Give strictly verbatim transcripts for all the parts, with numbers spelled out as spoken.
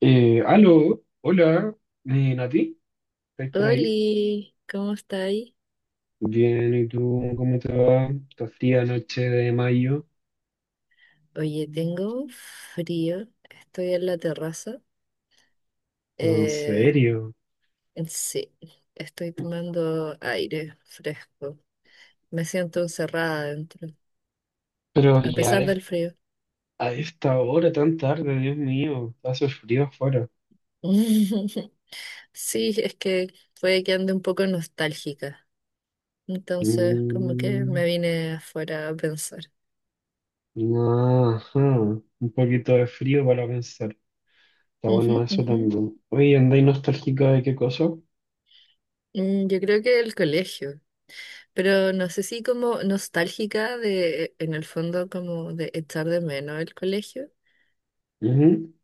Eh, aló, hola, eh, Nati, ¿estás por ahí? Oli, ¿cómo estáis? Bien, ¿y tú cómo te va? Esta fría noche de mayo. Oye, tengo un frío, estoy en la terraza. ¿En Eh, serio? sí, estoy tomando aire fresco. Me siento encerrada dentro, Pero a ya a pesar es- del frío. a esta hora tan tarde, Dios mío, hace frío afuera. Sí, es que puede que ande un poco nostálgica. Entonces, como que me Mm, vine afuera a pensar. ajá, un poquito de frío para pensar. Está Ujú, bueno eso ujú. también. Oye, ¿andáis nostálgica de qué cosa? Mm, yo creo que el colegio. Pero no sé si como nostálgica de, en el fondo, como de echar de menos el colegio, Ujú.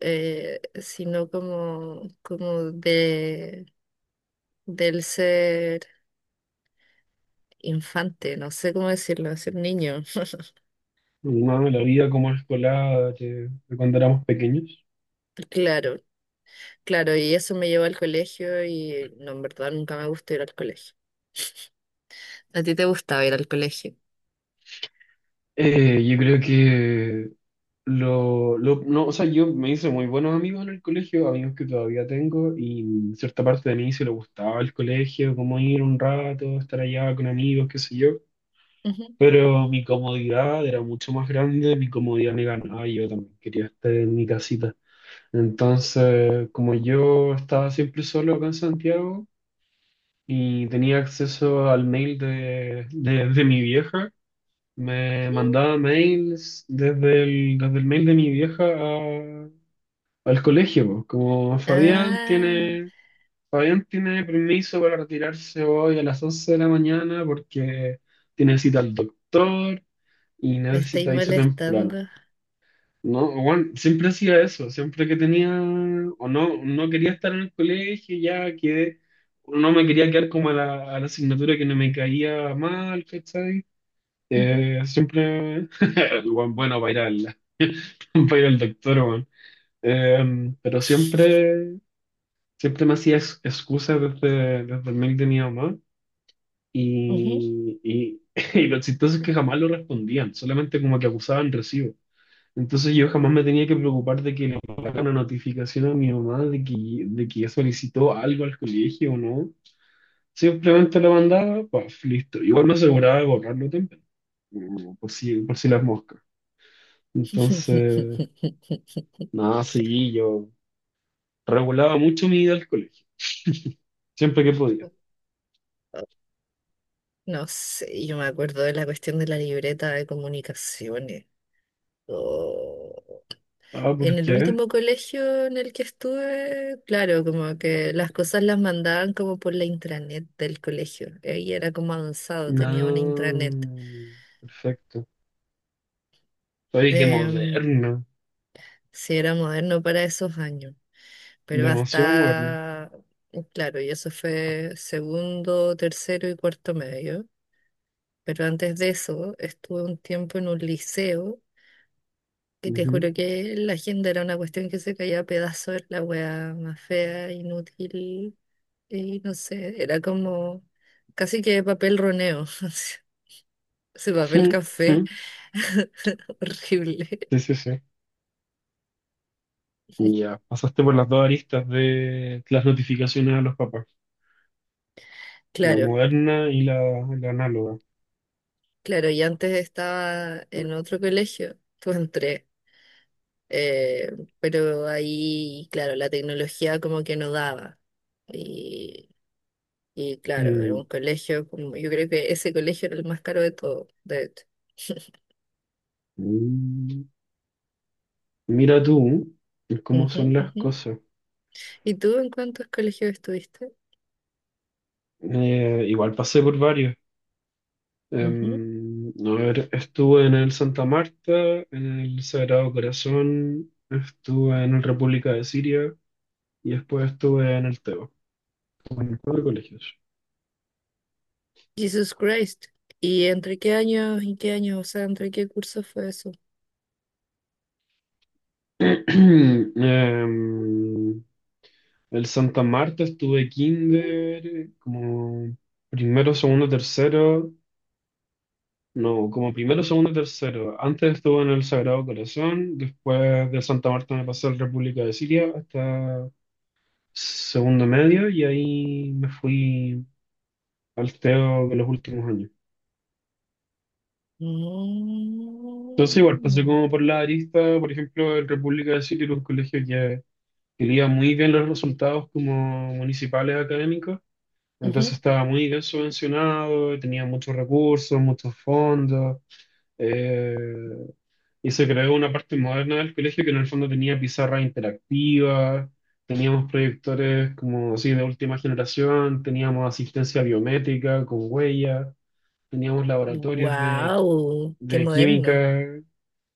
eh, sino como, como de, del ser infante, no sé cómo decirlo, ser niño. No, la vida como escolar de de cuando éramos pequeños. Claro, claro, y eso me llevó al colegio y no, en verdad nunca me gustó ir al colegio. ¿A ti te gustaba ir al colegio? Eh, yo creo que Lo, lo- no, o sea, yo me hice muy buenos amigos en el colegio, amigos que todavía tengo, y cierta parte de mí se le gustaba el colegio, como ir un rato, estar allá con amigos, qué sé yo. Ujú. Pero mi comodidad era mucho más grande, mi comodidad me ganaba, y yo también quería estar en mi casita. Entonces, como yo estaba siempre solo acá en Santiago y tenía acceso al mail de, de, de mi vieja, me mandaba mails desde el, desde el mail de mi vieja al colegio, po. Como Fabián Ah, tiene, Fabián tiene permiso para retirarse hoy a las once de la mañana porque tiene cita al doctor y me estáis necesita irse molestando. temprano. No, bueno, siempre hacía eso, siempre que tenía o no, no quería estar en el colegio, ya que no me quería quedar como a la, a la asignatura que no me caía mal, ¿cachai? Ujú, Eh, siempre, el weón bueno, para ir al, para ir al doctor, weón. Eh, pero siempre Siempre me hacía ex- excusas desde, desde el mail de mi mamá ujú. y, y, y lo chistoso es que jamás lo respondían, solamente como que acusaban recibo. Entonces yo jamás me tenía que preocupar de que le llegara una notificación a mi mamá de que, de que ya solicitó algo al colegio o no. Simplemente lo mandaba, pues listo. Igual me aseguraba de borrarlo temprano, mm, por si, por si las moscas. Entonces, nada, sí, yo regulaba mucho mi ida al colegio, siempre que podía. No sé, yo me acuerdo de la cuestión de la libreta de comunicaciones. Oh. Ah, ¿por En el qué? último colegio en el que estuve, claro, como que las cosas las mandaban como por la intranet del colegio. Ahí era como avanzado, tenía una intranet. No, perfecto. Oye, qué Em, moderno, sí, era moderno para esos años, pero demasiado moderno. hasta, claro, y eso fue segundo, tercero y cuarto medio. Pero antes de eso, estuve un tiempo en un liceo. Y te Ujú. juro que la agenda era una cuestión que se caía a pedazos, era la wea más fea, inútil, y no sé, era como casi que papel roneo, ese papel café, horrible. Sí, sí, sí. Ya, pasaste por las dos aristas de las notificaciones a los papás, la Claro, moderna y la, la análoga. claro, y antes estaba en otro colegio, pues entré, eh, pero ahí, claro, la tecnología como que no daba. Y, y claro, era Mm. un colegio, como, yo creo que ese colegio era el más caro de todo, de hecho. Mm. Mira tú cómo son Ujú, las ujú. cosas. ¿Y tú en cuántos colegios estuviste? Eh, igual pasé por varios. Ujú. Em, a ver, estuve en el Santa Marta, en el Sagrado Corazón, estuve en el República de Siria. Y después estuve en el Teo, en cuatro colegios. Jesus Christ. ¿Y entre qué años y qué años? O sea, ¿entre qué cursos fue eso? Em, el Santa Marta estuve kinder, como primero, segundo, tercero, no, como primero, segundo, tercero. Antes estuve en el Sagrado Corazón, después de Santa Marta me pasé a la República de Siria hasta segundo medio y ahí me fui al Teo de los últimos años. Entonces igual pasé Mm. como por la arista, por ejemplo, el República de Siria era un colegio que quería muy bien los resultados como municipales académicos, entonces Ujú. estaba muy bien subvencionado, y tenía muchos recursos, muchos fondos, eh, y se creó una parte moderna del colegio que en el fondo tenía pizarra interactiva, teníamos proyectores como así de última generación, teníamos asistencia biométrica con huella, teníamos laboratorios de Wow, qué de moderno. química.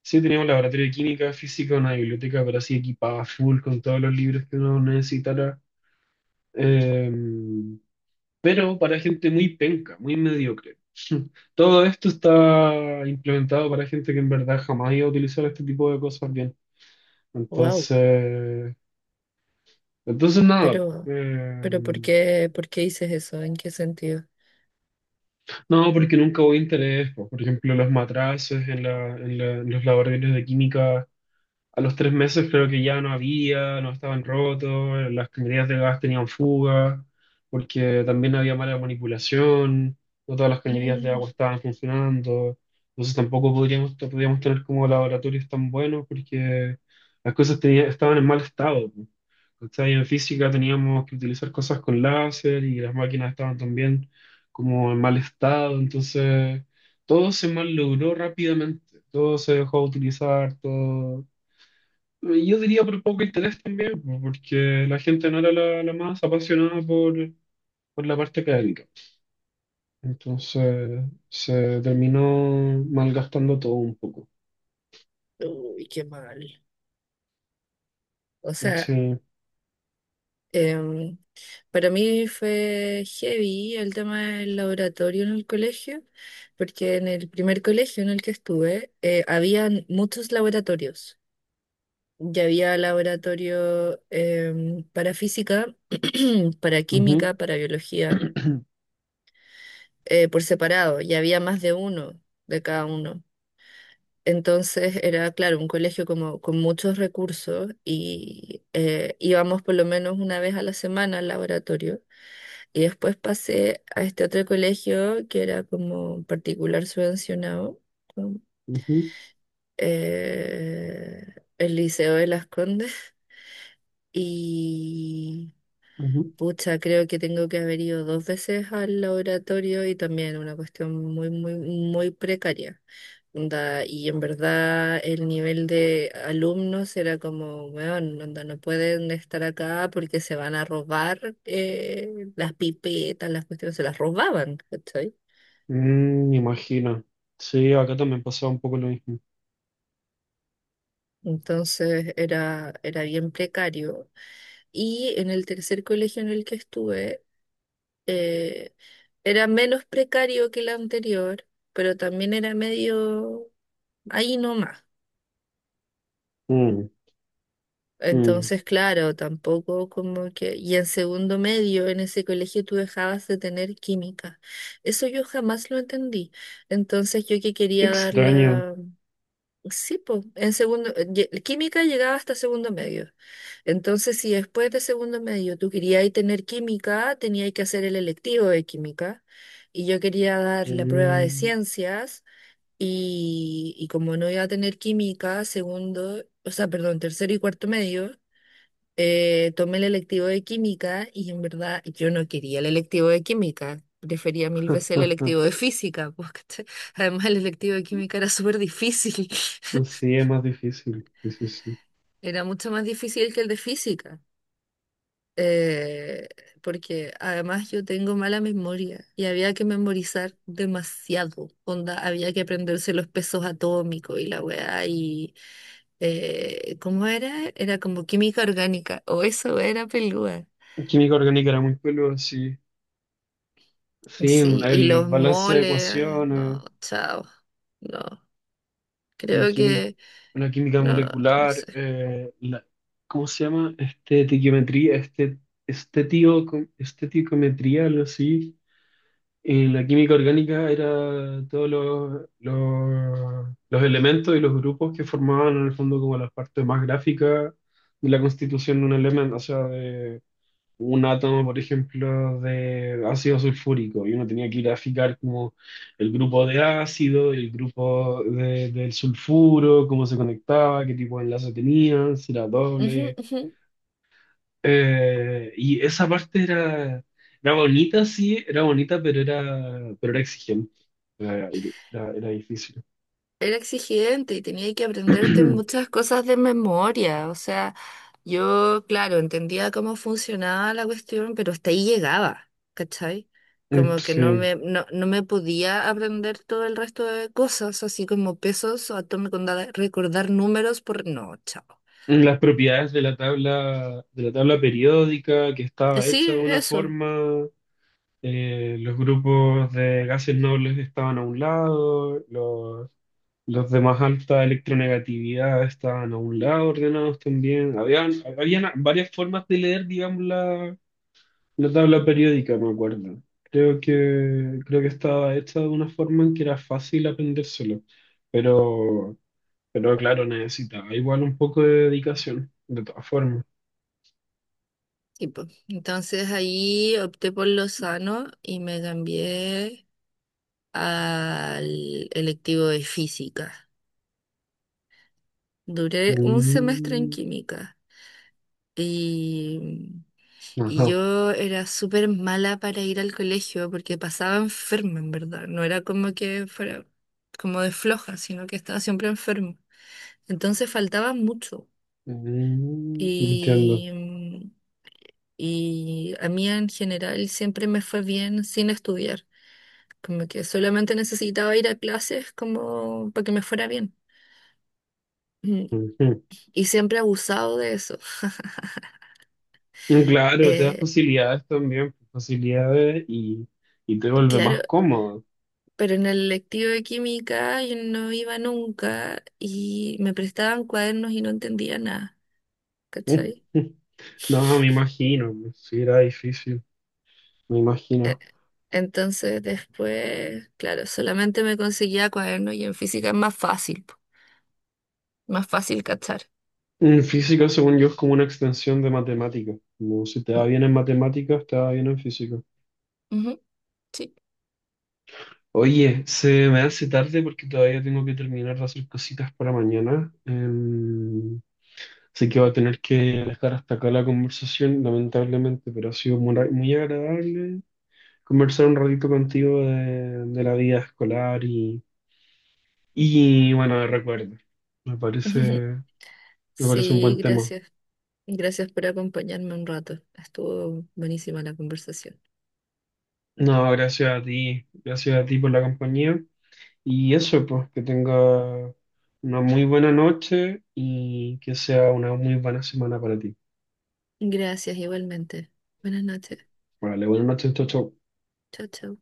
Sí, tenía un laboratorio de química, física, una biblioteca, pero así equipada full con todos los libros que uno necesitara. Eh, pero para gente muy penca, muy mediocre. Todo esto está implementado para gente que en verdad jamás iba a utilizar este tipo de cosas bien. Wow, Entonces, entonces nada. pero, eh, pero ¿por qué, por qué dices eso? ¿En qué sentido? no, porque nunca hubo interés, po. Por ejemplo, los matraces en la- en la- en los laboratorios de química. A los tres meses creo que ya no había, no estaban rotos, las cañerías de gas tenían fuga, porque también había mala manipulación, no todas las cañerías de agua Mm. estaban funcionando, entonces tampoco podríamos, no podíamos tener como laboratorios tan buenos porque las cosas tenía- estaban en mal estado. ¿Cachai? En física teníamos que utilizar cosas con láser y las máquinas estaban también como en mal estado, entonces todo se malogró rápidamente, todo se dejó de utilizar, todo yo diría por poco interés también, po, porque la gente no era la, la más apasionada por, por la parte académica. Entonces se terminó malgastando todo un poco. Uy, qué mal. O sea, Sí. em, para mí fue heavy el tema del laboratorio en el colegio, porque en el primer colegio en el que estuve eh, habían muchos laboratorios. Ya había laboratorio em, para física, para Ujú. química, para biología, eh, por separado. Ya había más de uno de cada uno. Entonces era, claro, un colegio como, con muchos recursos y eh, íbamos por lo menos una vez a la semana al laboratorio. Y después pasé a este otro colegio que era como particular subvencionado, con, Ujú, eh, el Liceo de Las Condes. Y ujú. pucha, creo que tengo que haber ido dos veces al laboratorio y también una cuestión muy, muy, muy precaria. Onda, y en verdad el nivel de alumnos era como, weón, onda, no pueden estar acá porque se van a robar eh, las pipetas, las cuestiones, se las robaban, ¿cachai? Mm, me imagino. Sí, acá también pasaba un poco lo mismo. Entonces era, era bien precario. Y en el tercer colegio en el que estuve, eh, era menos precario que el anterior, pero también era medio ahí nomás. Mm, mm. Entonces, claro, tampoco como que... Y en segundo medio, en ese colegio tú dejabas de tener química. Eso yo jamás lo entendí. Entonces, yo que Qué quería dar extraño. la... Sí, pues, en segundo... lle- Química llegaba hasta segundo medio. Entonces, si después de segundo medio tú querías tener química, tenías que hacer el electivo de química. Y yo quería dar la prueba de Mm. ciencias y, y como no iba a tener química, segundo, o sea, perdón, tercero y cuarto medio, eh, tomé el electivo de química y en verdad yo no quería el electivo de química. Prefería mil veces el electivo de física, pues, ¿cachai? Además el electivo de química era súper difícil, Sí, es más difícil. Sí, sí, sí. era mucho más difícil que el de física. eh, Porque además yo tengo mala memoria y había que memorizar demasiado, onda, había que aprenderse los pesos atómicos y la weá y eh, ¿cómo era? Era como química orgánica, o eso era pelúa. Química orgánica era muy peludo, sí. Sí, Sí, y el los balance de moles, ecuaciones. no, chao, no, en creo quimi- que, la química no, no molecular, sé. eh, la- ¿cómo se llama? Estetiquiometría, este, estetio- esteticometría, algo así. En la química orgánica era todos los, los, los elementos y los grupos que formaban en el fondo como las partes más gráficas de la constitución de un elemento, o sea, un átomo, por ejemplo, de ácido sulfúrico y uno tenía que graficar como el grupo de ácido, el grupo de- del sulfuro, cómo se conectaba, qué tipo de enlace tenía, si era Ujú, doble. ujú. Eh, y esa parte era, era bonita, sí, era bonita, pero era, pero era exigente. Era, era- Era difícil. Era exigente y tenía que aprenderte muchas cosas de memoria, o sea... Yo, claro, entendía cómo funcionaba la cuestión, pero hasta ahí llegaba, ¿cachai? Como que no Sí. me, no, no me podía aprender todo el resto de cosas, así como pesos o atom- conda- recordar números por... No, chao. Las propiedades de la tabla, de la tabla periódica que Eh, estaba hecha de Sí, una eso, forma. Eh, los grupos de gases nobles estaban a un lado, los, los de más alta electronegatividad estaban a un lado, ordenados también. Habían, habían varias formas de leer, digamos, la, la tabla periódica, me acuerdo. Creo que, creo que estaba hecha de una forma en que era fácil aprendérselo, pero, pero claro, necesitaba igual un poco de dedicación, de todas formas. tipo. Entonces ahí opté por lo sano y me cambié al electivo de física. Duré un semestre en Mm, química y... Y ajá. yo era súper mala para ir al colegio porque pasaba enferma, en verdad. No era como que fuera como de floja, sino que estaba siempre enferma. Entonces faltaba mucho. Mm, entiendo. Y, mm, y a mí en general siempre me fue bien sin estudiar. Como que solamente necesitaba ir a clases como para que me fuera bien. Mm. Ujú. Y siempre he abusado de eso. Mm, claro, te da Eh, facilidades también, facilidades y, y te vuelve más claro, cómodo. pero en el lectivo de química yo no iba nunca y me prestaban cuadernos y no entendía nada, Mm, ¿cachai? mm. No, me imagino, sí era difícil, me E- imagino. Entonces después, claro, solamente me conseguía cuadernos y en física es más fácil, po, más fácil cachar. Mm. Física, según yo, es como una extensión de matemáticas. No, si te va Mm. bien en matemáticas, te va bien en física. Ujú, sí. Oye, se me hace tarde porque todavía tengo que terminar de hacer cositas para mañana. Em, así que voy a tener que dejar hasta acá la conversación, lamentablemente, pero ha sido muy, muy agradable conversar un ratito contigo de, de la vida escolar y, y bueno, de recuerdos. Me parece, me parece un Sí, buen tema. gracias. Gracias por acompañarme un rato. Estuvo buenísima la conversación. No, gracias a ti, gracias a ti por la compañía. Y eso, pues, que tenga una muy buena noche y que sea una muy buena semana para ti. Gracias igualmente. Buenas noches. Vale, buenas noches, chau, chau. Chao, chao.